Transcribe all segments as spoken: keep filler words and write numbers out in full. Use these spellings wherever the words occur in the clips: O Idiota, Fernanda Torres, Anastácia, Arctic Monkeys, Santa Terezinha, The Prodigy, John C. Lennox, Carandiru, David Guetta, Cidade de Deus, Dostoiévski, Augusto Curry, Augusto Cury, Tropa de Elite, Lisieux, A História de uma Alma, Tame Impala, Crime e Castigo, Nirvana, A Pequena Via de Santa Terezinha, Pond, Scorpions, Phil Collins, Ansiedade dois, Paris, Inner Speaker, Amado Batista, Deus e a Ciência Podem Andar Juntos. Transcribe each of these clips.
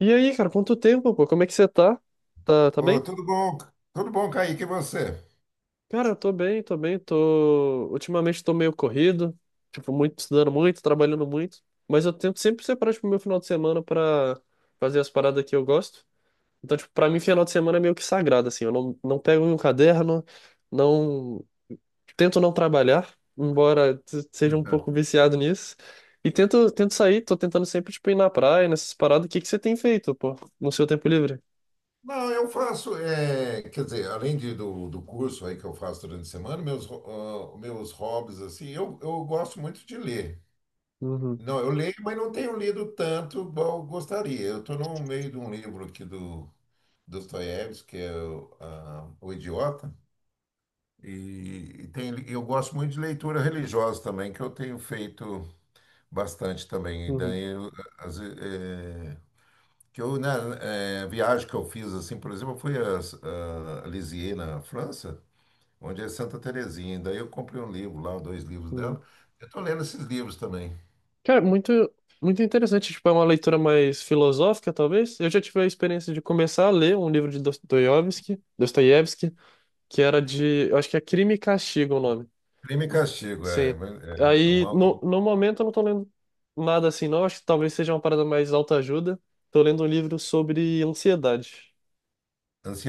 E aí, cara, quanto tempo, pô? Como é que você tá? Tá, tá Ô, bem? tudo bom? Tudo bom, Kaique, e você? Cara, eu tô bem, tô bem, tô... Ultimamente tô meio corrido, tipo, muito, estudando muito, trabalhando muito, mas eu tento sempre separar, tipo, meu final de semana pra fazer as paradas que eu gosto. Então, tipo, pra mim, final de semana é meio que sagrado, assim, eu não, não pego um caderno, não... Tento não trabalhar, embora t- seja um pouco viciado nisso, e tento, tento sair, tô tentando sempre, tipo, ir na praia, nessas paradas. O que que você tem feito, pô, no seu tempo livre? Não, eu faço, é, quer dizer, além de, do, do curso aí que eu faço durante a semana, meus, ho- ah, meus hobbies, assim, eu, eu gosto muito de ler. Uhum, Não, eu leio, mas não tenho lido tanto igual eu gostaria. Eu estou no meio de um livro aqui do Dostoiévski, que é o, ah, O Idiota, e, e tem, eu gosto muito de leitura religiosa também, que eu tenho feito bastante também. uhum, Daí, eu, às ve- é, que eu, né, é, viagem que eu fiz, assim, por exemplo, eu fui a, a Lisieux, na França, onde é Santa Terezinha. Daí eu comprei um livro lá, dois livros uhum. dela. Eu tô lendo esses livros também. Cara, muito, muito interessante. Tipo, é uma leitura mais filosófica, talvez. Eu já tive a experiência de começar a ler um livro de Dostoiévski, Dostoiévski, que era de, eu acho que é Crime e Castigo o nome. Crime e Castigo, é, Sim. é é Aí, uma no, no momento, eu não tô lendo nada assim, não. Acho que talvez seja uma parada mais autoajuda. Tô lendo um livro sobre ansiedade.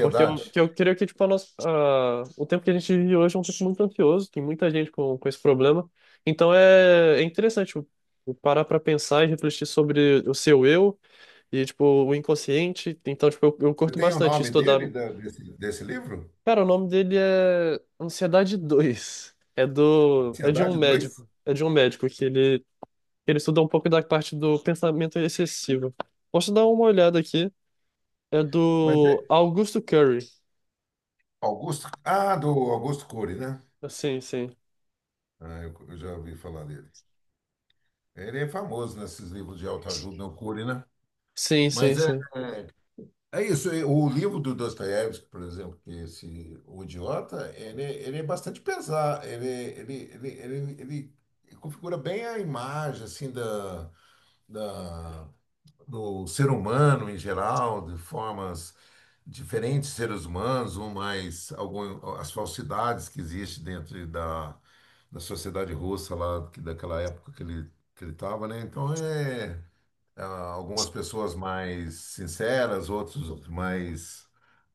Porque eu, que eu creio que tipo, a nossa, a- o tempo que a gente vive hoje é um tempo muito ansioso, tem muita gente com, com esse problema. Então é, é interessante tipo, parar para pensar e refletir sobre o seu eu e tipo, o inconsciente. Então, tipo, eu, eu Você curto tem o bastante nome estudar. dele, da- desse, desse livro? Cara, o nome dele é Ansiedade dois. É do, é de um Ansiedade dois. médico. É de um médico que ele, ele estuda um pouco da parte do pensamento excessivo. Posso dar uma olhada aqui? É Mas é do Augusto Curry. Augusto... Ah, do Augusto Cury, né? Sim, sim. Ah, eu, eu já ouvi falar dele. Ele é famoso nesses livros de autoajuda, né, o Cury, né? Sim, sim, Mas é. sim. É isso, e o livro do Dostoiévski, por exemplo, que esse O Idiota, ele, ele é bastante pesado, ele, ele, ele, ele, ele configura bem a imagem assim da, da, do ser humano em geral, de formas diferentes, seres humanos, um mais algum, as falsidades que existem dentro da, da sociedade russa lá, que- daquela época que ele que ele estava, né? Então é, ah, algumas pessoas mais sinceras, outros mais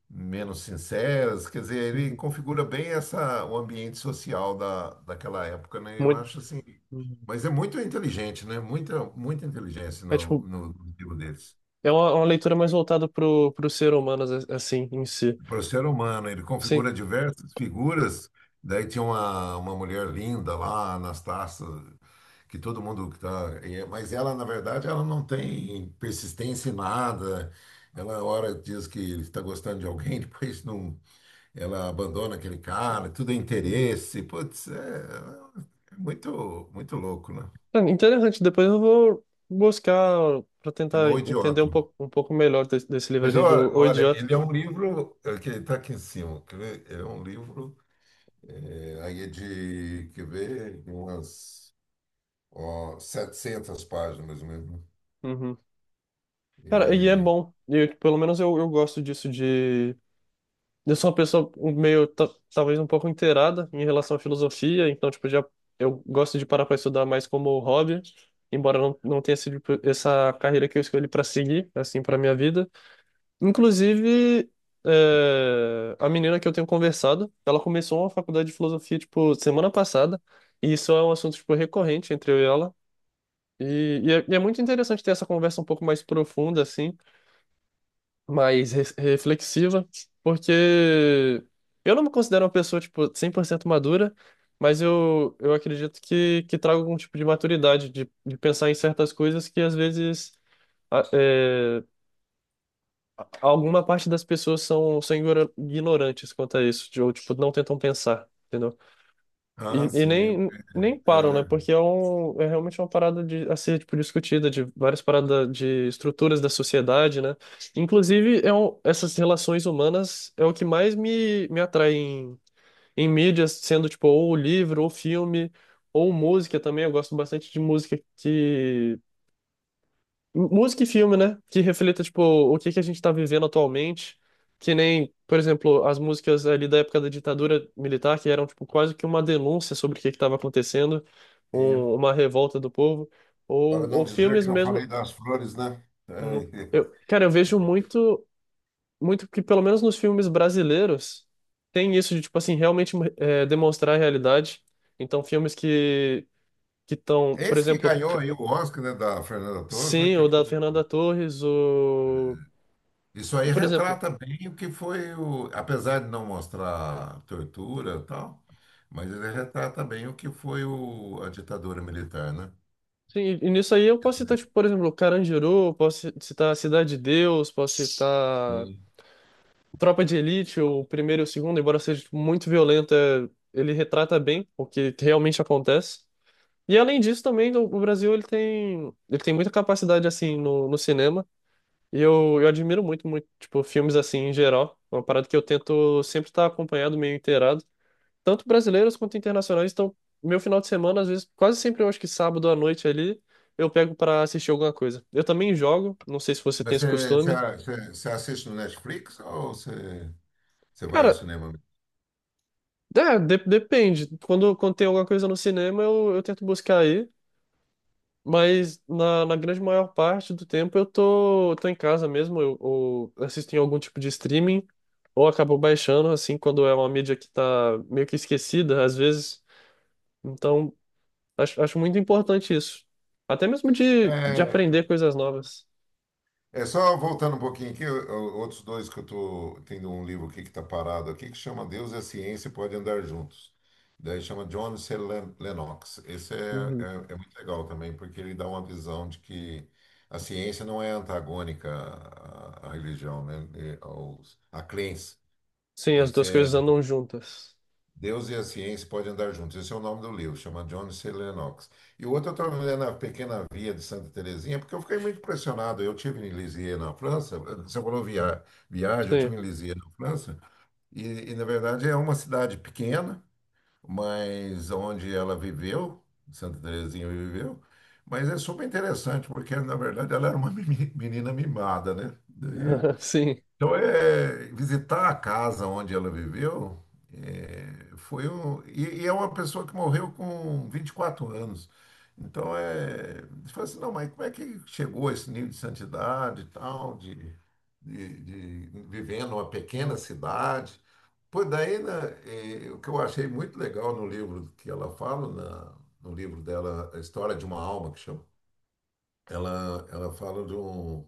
menos sinceras. Quer dizer, ele Uhum. configura bem essa, o ambiente social da, daquela época, né? Eu Muito. acho assim. Uhum. Mas é muito inteligente, né? Muita, muita inteligência É no, tipo, no, no livro deles. é uma, uma leitura mais voltada pro, pro ser humano, as- assim, em si. Para o ser humano, ele Sim. configura diversas figuras. Daí tinha uma, uma mulher linda lá, Anastácia, que todo mundo que tá, é, mas ela, na verdade, ela não tem persistência em nada. Ela hora diz que está gostando de alguém, depois não, ela abandona aquele cara, tudo é Uhum. interesse. Putz, é, é muito muito louco, né? É interessante. Depois eu vou buscar para tentar Chamou o entender idiota. um pouco, um pouco melhor desse, desse livro Mas ali olha, do O olha, Idiota. ele é um livro, é, que está aqui em cima. Quer ver? É um livro, é, aí é de, quer ver, umas, ó, 700 páginas mesmo. Uhum. Cara, e é bom. E eu, pelo menos eu, eu gosto disso de. Eu sou uma pessoa meio, ta- talvez um pouco inteirada em relação à filosofia, então, tipo, já eu gosto de parar para estudar mais como hobby, embora não, não tenha sido tipo, essa carreira que eu escolhi para seguir, assim, para minha vida. Inclusive, é, a menina que eu tenho conversado, ela começou uma faculdade de filosofia, tipo, semana passada, e isso é um assunto, tipo, recorrente entre eu e ela. E, e é, e é muito interessante ter essa conversa um pouco mais profunda, assim, mais re- reflexiva, porque eu não me considero uma pessoa, tipo, cem por cento madura, mas eu, eu acredito que, que trago algum tipo de maturidade, de, de pensar em certas coisas que às vezes alguma parte das pessoas são, são ignora- ignorantes quanto a isso, de- ou tipo, não tentam pensar, entendeu? E, Ah, e sim. É, nem, nem param, né? é, Porque é, um, é realmente uma parada de, a ser tipo, discutida, de várias paradas de estruturas da sociedade, né? Inclusive, é um, essas relações humanas é o que mais me, me atrai em, em mídias, sendo tipo, ou livro, ou filme, ou música também. Eu gosto bastante de música que música e filme, né? Que reflita, tipo, o que que a gente tá vivendo atualmente. Que nem, por exemplo, as músicas ali da época da ditadura militar, que eram, tipo, quase que uma denúncia sobre o que que tava acontecendo, é. Um- é. uma revolta do povo. Para Ou, não ou dizer filmes que não mesmo. falei das flores, né? Uhum. É. Eu, cara, eu vejo muito, muito que, pelo menos nos filmes brasileiros, tem isso de, tipo assim, realmente hum, é, demonstrar a realidade. Então, filmes que que estão, por Esse que exemplo, ganhou aí o Oscar, né, da Fernanda Torres, né, sim, que o da foi. Fernanda Torres, o. Isso aí Por exemplo. retrata bem o que foi o, apesar de não mostrar tortura e tal, mas ele retrata bem o que foi, o, a ditadura militar, né? Sim, e e nisso aí eu Quer posso citar, dizer, tipo, por exemplo, Carandiru, posso ci- citar Cidade de Deus, posso citar sim. Tropa de Elite, o primeiro e o segundo, embora seja tipo, muito violenta, ele retrata bem o que realmente acontece. E além disso também, o o Brasil ele tem, ele tem muita capacidade assim no, no cinema, e eu, eu admiro muito, muito, tipo, filmes assim em geral. É uma parada que eu tento sempre estar acompanhado, meio inteirado tanto brasileiros quanto internacionais. Então, meu final de semana, às vezes, quase sempre eu acho que sábado à noite ali, eu pego pra assistir alguma coisa. Eu também jogo, não sei se você tem Mas esse você, você, costume. você- você assiste no Netflix ou você, você vai Cara, ao cinema mesmo? é, de- depende. Quando, quando tem alguma coisa no cinema, eu, eu tento buscar aí. Mas na, na grande maior parte do tempo eu tô, tô em casa mesmo, eu, ou assisto em algum tipo de streaming, ou acabo baixando, assim, quando é uma mídia que tá meio que esquecida, às vezes. Então, acho, acho muito importante isso. Até mesmo de, de É, aprender coisas novas. É só voltando um pouquinho aqui, o- o- outros dois que eu tô tendo um livro aqui que está parado aqui, que chama Deus e a Ciência Podem Andar Juntos. Daí chama John C. Len- Lennox. Esse é, Uhum. é, é muito legal também, porque ele dá uma visão de que a ciência não é antagônica à, à religião, né? E aos, à crença. Sim, as Esse duas é coisas andam juntas. Deus e a Ciência Podem Andar Juntos. Esse é o nome do livro, chama John C. Lennox. E o outro eu estava lendo A Pequena Via de Santa Terezinha, porque eu fiquei muito impressionado. Eu tive em Lisieux, na França, você falou via, viagem, eu Sim. tive em Lisieux, na França, e, e na verdade, é uma cidade pequena, mas onde ela viveu, Santa Terezinha viveu, mas é super interessante, porque, na verdade, ela era uma meni- menina mimada, né? Daí Sim. então, é, é, visitar a casa onde ela viveu, é, foi um. E, e é uma pessoa que morreu com vinte e quatro anos. Então, é, você fala assim: não, mas como é que chegou a esse nível de santidade e tal, de, de, de vivendo uma pequena Hum. cidade? Pois daí, né, é, o que eu achei muito legal no livro que ela fala, na- no livro dela, A História de uma Alma, que chama, ela, ela fala de um,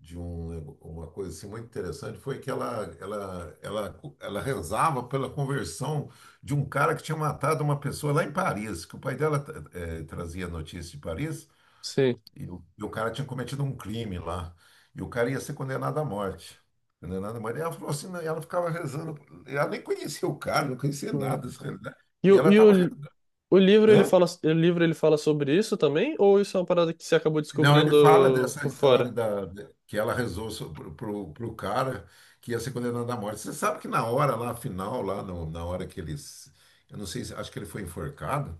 de um, uma coisa assim muito interessante foi que ela, ela, ela, ela rezava pela conversão de um cara que tinha matado uma pessoa lá em Paris, que o pai dela, eh, trazia notícia de Paris, Sim. e o, e o cara tinha cometido um crime lá, e o cara ia ser condenado à morte. Condenado à morte. E ela falou assim, né, e ela ficava rezando, ela nem conhecia o cara, não conhecia Hum. nada dessa realidade, E, e o, ela e estava o, rezando. o livro ele Hã? fala, o livro ele fala sobre isso também? Ou isso é uma parada que você acabou Não, ele fala descobrindo dessa por história fora? da, que ela rezou so- pro, pro, pro cara que ia ser condenado à morte. Você sabe que na hora lá, final, lá no- na hora que eles. Eu não sei, se- acho que ele foi enforcado.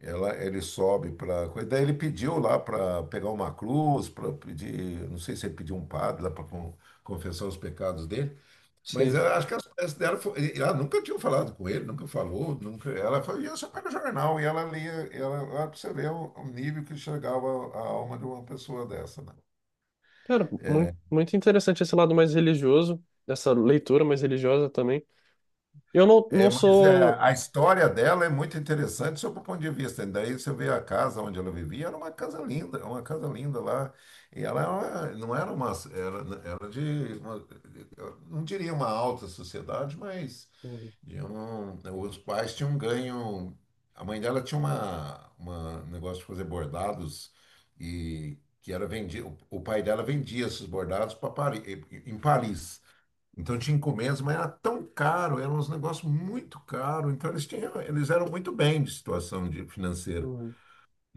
Ela, ele sobe para coisa. Daí ele pediu lá para pegar uma cruz, para pedir. Não sei se ele pediu um padre lá para confessar os pecados dele. Mas Sim. eu acho que as peças dela, foi, ela nunca tinha falado com ele, nunca falou, nunca. Ela foi, ia só para o jornal e ela lia, ela, lá pra você ver o, o nível que chegava a alma de uma pessoa dessa, né? Cara, muito, muito interessante esse lado mais religioso, essa leitura mais religiosa também. Eu não, não É, mas é, sou. a história dela é muito interessante sob o ponto de vista, né? Daí você vê a casa onde ela vivia, era uma casa linda, uma casa linda lá. E ela era uma, não era uma, era, era de, uma, eu não diria uma alta sociedade, mas Uhum, de um- os pais tinham ganho. A mãe dela tinha uma, uma um negócio de fazer bordados e que era vendido. O pai dela vendia esses bordados para Paris, em Paris. Então tinha encomendas, mas era tão caro, era uns negócios muito caro. Então eles tinham, eles eram muito bem de situação, de, financeira. uhum,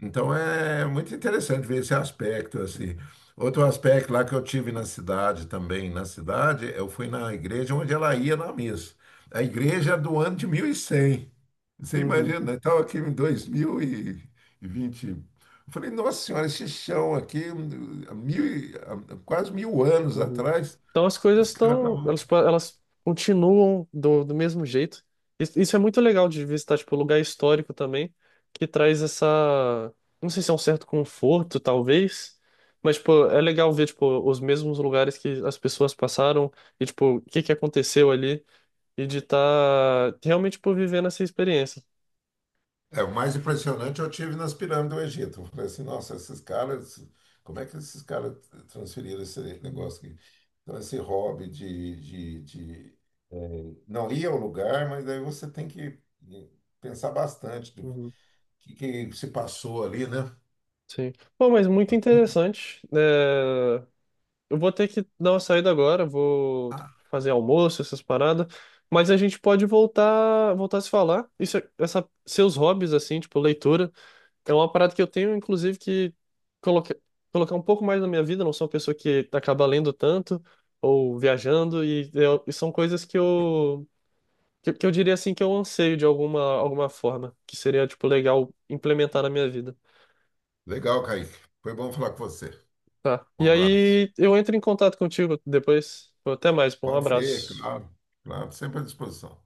Então é muito interessante ver esse aspecto assim. Outro aspecto lá que eu tive na cidade também, na cidade, eu fui na igreja onde ela ia na missa. A igreja é do ano de mil e cem. Você uhum, imagina, eu estava aqui em dois mil e vinte. Eu falei, nossa senhora, esse chão aqui, hum, há mil, e- há quase mil anos uhum. atrás, Então as os coisas caras estão, elas, estavam. elas continuam do, do mesmo jeito. Isso isso é muito legal de visitar, tipo, lugar histórico também, que traz essa, não sei se é um certo conforto, talvez, mas, tipo, é legal ver, tipo, os mesmos lugares que as pessoas passaram e, tipo, o que que aconteceu ali e de estar realmente, tipo, vivendo essa experiência. É, o mais impressionante eu tive nas pirâmides do Egito. Eu falei assim, nossa, esses caras, como é que esses caras transferiram esse Uhum, negócio aqui? Então, esse hobby de, de, de, eh, não ir ao lugar, mas aí você tem que pensar bastante do uhum, que, que se passou ali, né? sim. Bom, mas muito interessante, né? Eu vou ter que dar uma saída agora, vou ter que Ah, fazer almoço, essas paradas. Mas a gente pode voltar, voltar a se falar. Isso, é- essa, seus hobbies, assim, tipo, leitura, é uma parada que eu tenho, inclusive, que coloca, colocar um pouco mais na minha vida. Não sou uma pessoa que acaba lendo tanto ou viajando, e, eu- e são coisas que eu, que, que eu diria, assim, que eu anseio de alguma, alguma forma, que seria, tipo, legal implementar na minha vida. legal, Kaique. Foi bom falar com você. Tá. Um E abraço. aí eu entro em contato contigo depois. Até mais, pô. Um Pode ser, abraço. claro. Claro, sempre à disposição.